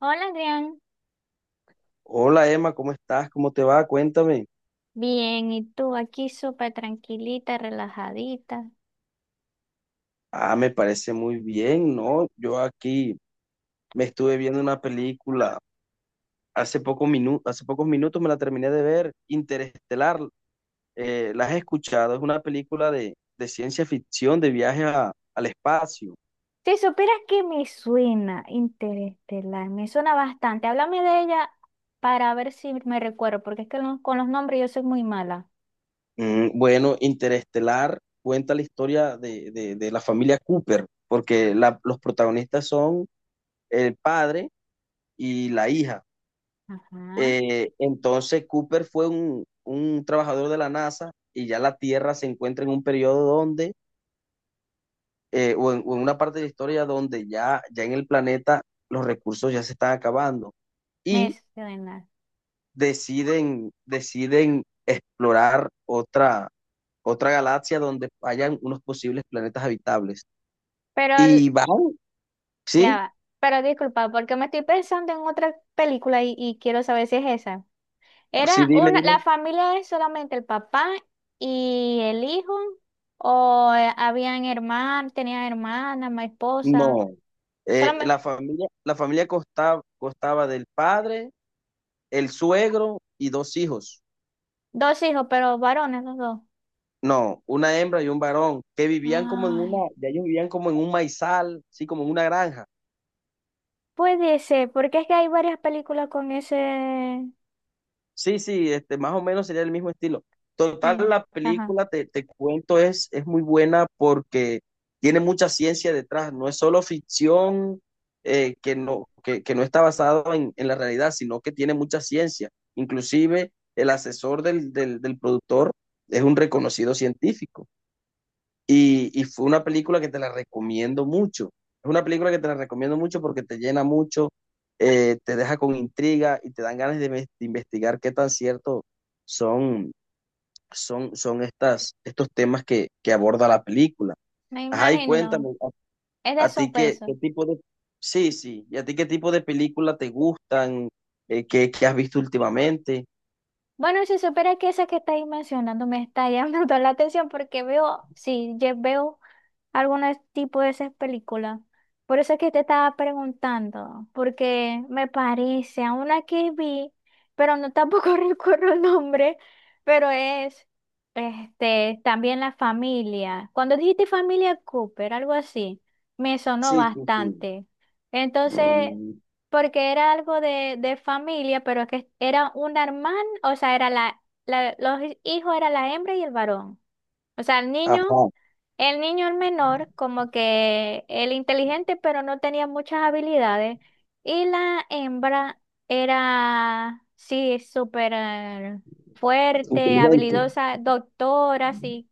Hola, Adrián. Hola Emma, ¿cómo estás? ¿Cómo te va? Cuéntame. Bien, ¿y tú aquí súper tranquilita, relajadita? Ah, me parece muy bien, ¿no? Yo aquí me estuve viendo una película hace poco hace pocos minutos me la terminé de ver, Interestelar. ¿La has escuchado? Es una película de ciencia ficción, de al espacio. Si supieras que me suena Interestelar, me suena bastante. Háblame de ella para ver si me recuerdo, porque es que con los nombres yo soy muy mala. Mm, bueno, Interestelar cuenta la historia de la familia Cooper, porque los protagonistas son el padre y la hija. Ajá, Entonces Cooper fue un trabajador de la NASA y ya la Tierra se encuentra en un periodo o en una parte de la historia donde ya en el planeta los recursos ya se están acabando me y suena. Deciden explorar otra galaxia donde hayan unos posibles planetas habitables. Pero Y van, ya ¿sí? va. Pero disculpa, porque me estoy pensando en otra película y quiero saber si es esa. Sí, Era una, la dime. familia es solamente el papá y el hijo, o habían hermanos, tenían hermana, mi esposa, No. Solamente La familia constaba del padre, el suegro y dos hijos. dos hijos, pero varones los dos. No, una hembra y un varón, que vivían como en una, Ay, ya ellos vivían como en un maizal, sí, como en una granja. puede ser, porque es que hay varias películas con ese. Sí, sí, este, más o menos sería el mismo estilo. Total, Sí, la ajá, película, te cuento, es muy buena porque tiene mucha ciencia detrás, no es solo ficción que no está basado la realidad, sino que tiene mucha ciencia. Inclusive el asesor del productor es un reconocido científico. Y fue una película que te la recomiendo mucho. Es una película que te la recomiendo mucho porque te llena mucho, te deja con intriga y te dan ganas de investigar qué tan cierto son, son estos temas que aborda la película. me Ajá, y imagino. cuéntame, Es de a ti qué, qué suspenso. tipo de... Sí, sí, ¿y a ti qué tipo de película te gustan? ¿Qué has visto últimamente? Bueno, si supiera que esa que estáis mencionando me está llamando la atención porque veo, sí, yo veo algunos tipo de esas películas. Por eso es que te estaba preguntando, porque me parece a una que vi, pero no tampoco recuerdo el nombre, pero es este también la familia. Cuando dijiste familia Cooper, algo así, me sonó Sí, sí, sí. bastante. Entonces, Mm, porque era algo de familia, pero que era una hermana, o sea, era los hijos era la hembra y el varón. O sea, el niño. ajá, El niño, el menor, como que el inteligente, pero no tenía muchas habilidades. Y la hembra era, sí, súper fuerte, inteligente. habilidosa, doctora, sí,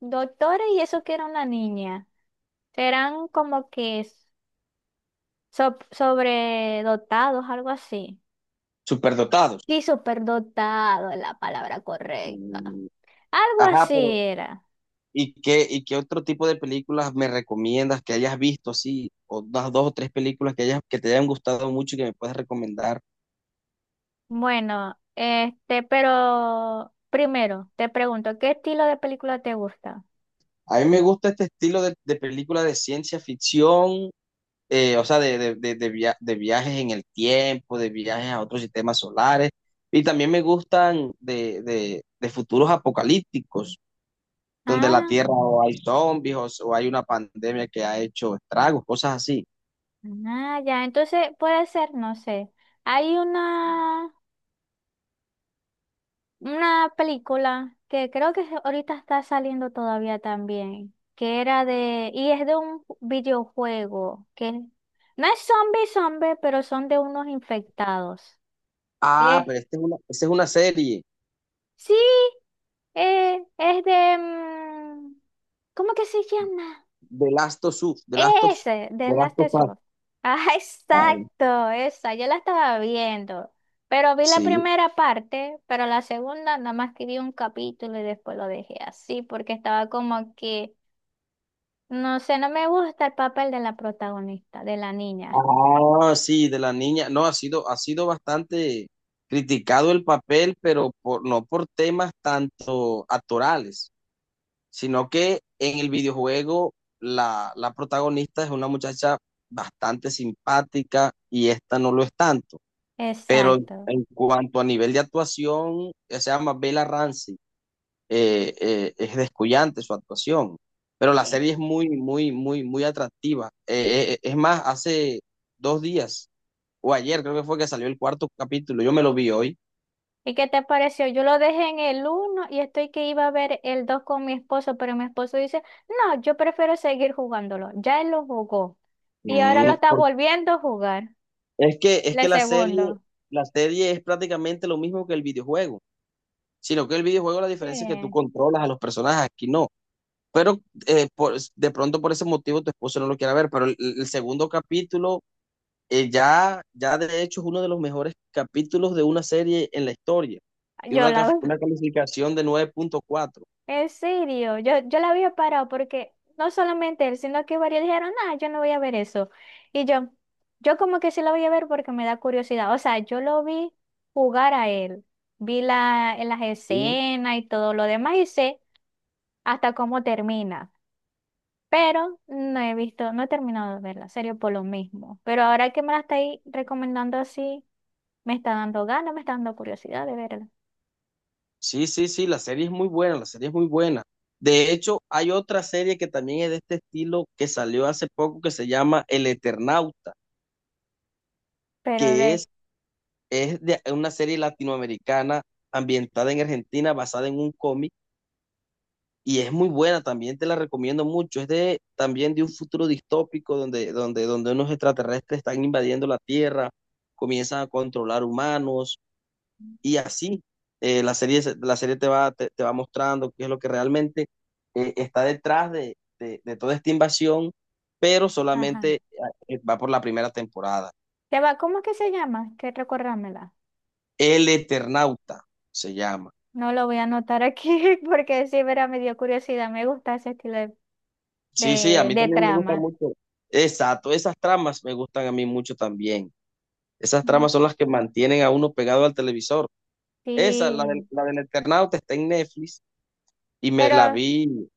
doctora, y eso que era una niña. Eran como que sobredotados, algo así. Superdotados. Sí, superdotado es la palabra correcta. Mm, Algo ajá, así pero era. ¿y qué, y qué otro tipo de películas me recomiendas que hayas visto así? O unas dos o tres películas que hayas, que te hayan gustado mucho y que me puedes recomendar. Bueno, pero primero te pregunto, ¿qué estilo de película te gusta? A mí me gusta este estilo de película de ciencia ficción, o sea, de viajes en el tiempo, de viajes a otros sistemas solares. Y también me gustan de futuros apocalípticos, donde la Tierra Ah, o hay zombies o hay una pandemia que ha hecho estragos, cosas así. ah, ya, entonces puede ser, no sé. Hay una película que creo que ahorita está saliendo todavía también, que era y es de un videojuego, que no es zombie zombie, pero son de unos infectados. Ah, Eh, pero esta es una serie. sí, es de, ¿cómo que se llama? The Last of Us, The Last of Us, Ese, de The Last Last of of Us. Us. Ah, Ah, exacto, esa, yo la estaba viendo. Pero vi la sí. primera parte, pero la segunda nada más que vi un capítulo y después lo dejé así, porque estaba como que, no sé, no me gusta el papel de la protagonista, de la niña. Ah, sí, de la niña. No, ha sido bastante criticado el papel, no por temas tanto actorales, sino que en el videojuego la protagonista es una muchacha bastante simpática y esta no lo es tanto. Pero Exacto. en cuanto a nivel de actuación, se llama Bella Ramsey. Es descuyante su actuación, pero la sí. serie es muy, muy, muy, muy atractiva. Es más, hace dos días o ayer creo que fue que salió el cuarto capítulo, yo me lo vi hoy. ¿Y qué te pareció? Yo lo dejé en el uno y estoy que iba a ver el dos con mi esposo, pero mi esposo dice, no, yo prefiero seguir jugándolo. Ya él lo jugó y ahora lo está Porque volviendo a jugar. Es La que segundo, la serie es prácticamente lo mismo que el videojuego, sino que el videojuego la sí. diferencia es que tú controlas a los personajes, aquí no. Pero de pronto por ese motivo tu esposo no lo quiere ver, pero el segundo capítulo ya de hecho es uno de los mejores capítulos de una serie en la historia. Tiene Yo la veo. una calificación de 9.4. En serio, yo la había parado porque no solamente él, sino que varios dijeron, ah, yo no voy a ver eso. Y yo como que sí la voy a ver porque me da curiosidad. O sea, yo lo vi jugar a él. Vi en las Uh, escenas y todo lo demás y sé hasta cómo termina. Pero no he visto, no he terminado de verla, en serio, por lo mismo. Pero ahora que me la estáis recomendando así, me está dando ganas, me está dando curiosidad de verla. sí, sí, sí, la serie es muy buena, la serie es muy buena. De hecho, hay otra serie que también es de este estilo que salió hace poco que se llama El Eternauta, Pero que de, es, es de una serie latinoamericana ambientada en Argentina, basada en un cómic y es muy buena, también te la recomiendo mucho. Es de también de un futuro distópico donde unos extraterrestres están invadiendo la Tierra, comienzan a controlar humanos y así. La serie te va, te va mostrando qué es lo que realmente está detrás toda esta invasión, pero ajá. solamente va por la primera temporada. Se va, ¿cómo es que se llama? Que recordámela. El Eternauta se llama. No lo voy a anotar aquí porque sí, verá, me dio curiosidad. Me gusta ese estilo de, Sí, sí, a de, mí de también me gusta trama. mucho. Exacto, esas tramas me gustan a mí mucho también. Esas Mm. tramas son las que mantienen a uno pegado al televisor. Esa, Sí, la del Eternauta, está en Netflix y me la pero, vi.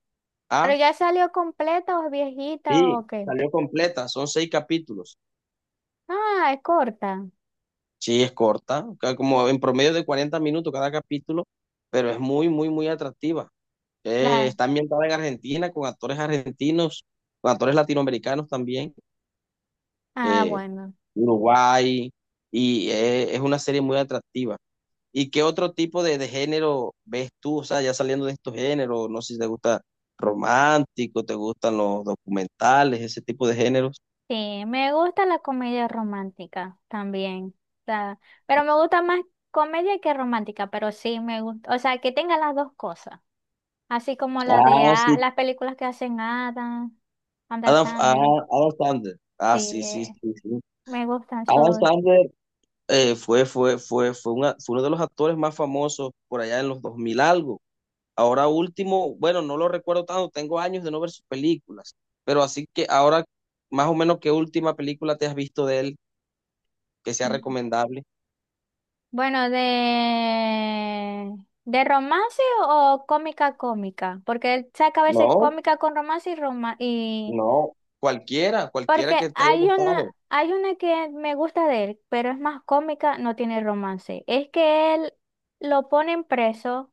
pero Ah, ya salió completa o es viejita sí, o qué. salió completa, son seis capítulos. Ah, es corta. Sí, es corta, como en promedio de 40 minutos cada capítulo, pero es muy, muy, muy atractiva. La, Está ambientada en Argentina con actores argentinos, con actores latinoamericanos también, ah, eh, bueno. Uruguay, y es una serie muy atractiva. ¿Y qué otro tipo de género ves tú? O sea, ya saliendo de estos géneros, no sé si te gusta romántico, te gustan los documentales, ese tipo de géneros. Sí, me gusta la comedia romántica también. O sea, pero me gusta más comedia que romántica, pero sí me gusta, o sea, que tenga las dos cosas. Así como la de Ah, sí. las películas que hacen Adam Adam, ah, Sandler. Adam Sandler. Sí, Ah, sí, sí, sí, sí. me gustan Adam sus. Sandler fue uno de los actores más famosos por allá en los 2000 algo. Ahora último, bueno, no lo recuerdo tanto, tengo años de no ver sus películas, pero así que ahora, más o menos, ¿qué última película te has visto de él que sea recomendable? Bueno, de romance o cómica cómica, porque él saca a veces No, cómica con romance y. no, cualquiera, cualquiera Porque que te haya hay una, gustado. hay una que me gusta de él, pero es más cómica, no tiene romance. Es que él lo ponen preso,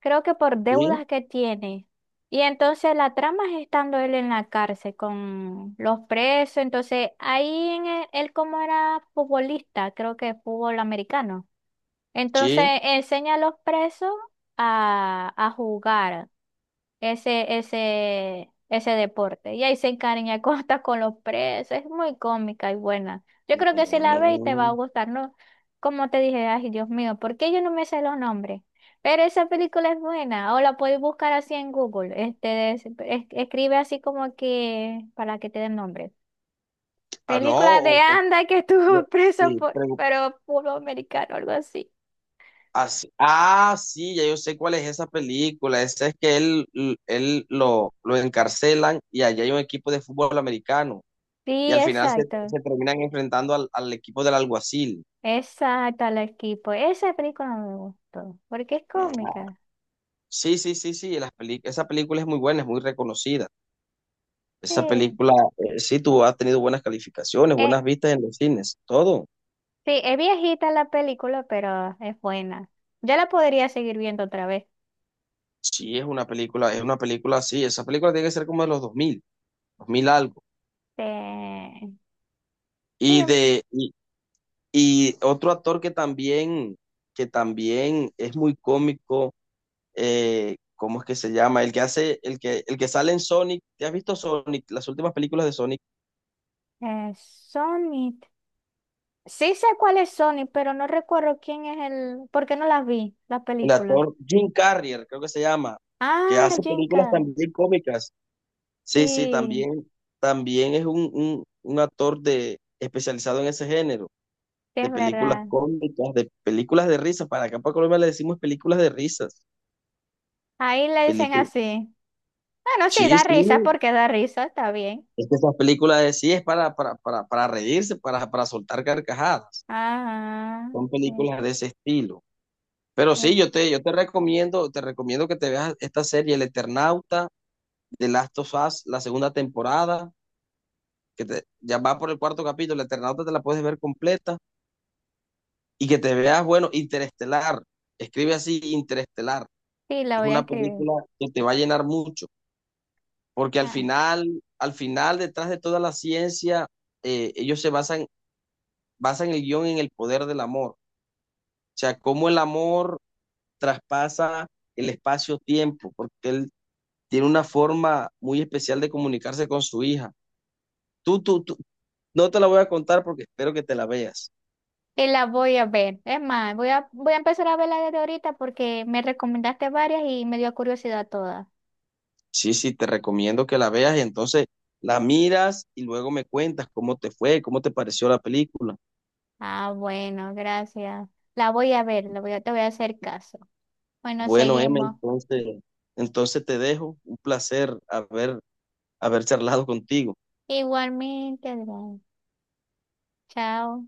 creo que por Sí, deudas que tiene. Y entonces la trama es estando él en la cárcel con los presos. Entonces ahí él como era futbolista, creo que fútbol americano. Entonces sí. enseña a los presos a jugar ese deporte. Y ahí se encariña hasta con los presos. Es muy cómica y buena. Yo creo que si la ves te va a Mm, gustar, ¿no? Como te dije, ay, Dios mío, ¿por qué yo no me sé los nombres? Pero esa película es buena, o la puedes buscar así en Google. Escribe así como que para que te den nombre. ah, no, Película de Anda que estuvo o- preso sí, por, pero puro americano, algo así. Ah, sí, ya yo sé cuál es esa película. Esa es que él, él lo encarcelan y allá hay un equipo de fútbol americano. Y Sí, al final exacto. se terminan enfrentando al equipo del alguacil. Exacto, al equipo. Esa película me gustó, porque es cómica. Sí, sí, sí, sí. Esa película es muy buena, es muy reconocida. Sí, Esa película, sí, tú has tenido buenas calificaciones, eh, buenas vistas en los cines, todo. sí, es viejita la película, pero es buena. Ya la podría seguir viendo otra vez. Sí, es una película así. Esa película tiene que ser como de los dos mil, dos mil algo. Sí, sí, Y de y, y otro actor que también es muy cómico, ¿cómo es que se llama? El que hace el que sale en Sonic. ¿Te has visto Sonic? Las últimas películas de Sonic. Sonic. Sí sé cuál es Sonic, pero no recuerdo quién es el. ¿Por qué no la vi, la El película? actor Jim Carrey, creo que se llama, que Ah, hace Jim películas Carrey. también cómicas. Sí, sí, Sí, también también es un actor de especializado en ese género. sí, es De películas verdad. cómicas, de películas de risas. Para acá para Colombia le decimos películas de risas. Ahí le dicen Películas. así. Bueno, sí, Sí, da sí. risa porque da risa, está bien. Es que esas películas de sí es para reírse, para soltar carcajadas. Ajá. Son sí. películas de ese estilo. Pero sí, Sí. Yo te recomiendo que te veas esta serie, El Eternauta, de Last of Us, la segunda temporada, que te, ya va por el cuarto capítulo, El Eternauta te la puedes ver completa, y que te veas, bueno, Interestelar, escribe así, Interestelar, Sí, la es voy a una escribir. película que te va a llenar mucho. Porque Ah, al final, detrás de toda la ciencia, eh, ellos se basan, basan el guión en el poder del amor. O sea, cómo el amor traspasa el espacio-tiempo, porque él tiene una forma muy especial de comunicarse con su hija. Tú no te la voy a contar porque espero que te la veas. y la voy a ver. Es más, voy a empezar a verla desde ahorita porque me recomendaste varias y me dio curiosidad todas. Sí, sí, te recomiendo que la veas y entonces la miras y luego me cuentas cómo te fue, cómo te pareció la película. Ah, bueno, gracias. La voy a ver, te voy a hacer caso. Bueno, Bueno, Emma, seguimos. entonces, entonces te dejo. Un placer haber charlado contigo. Igualmente, Adrián. Chao.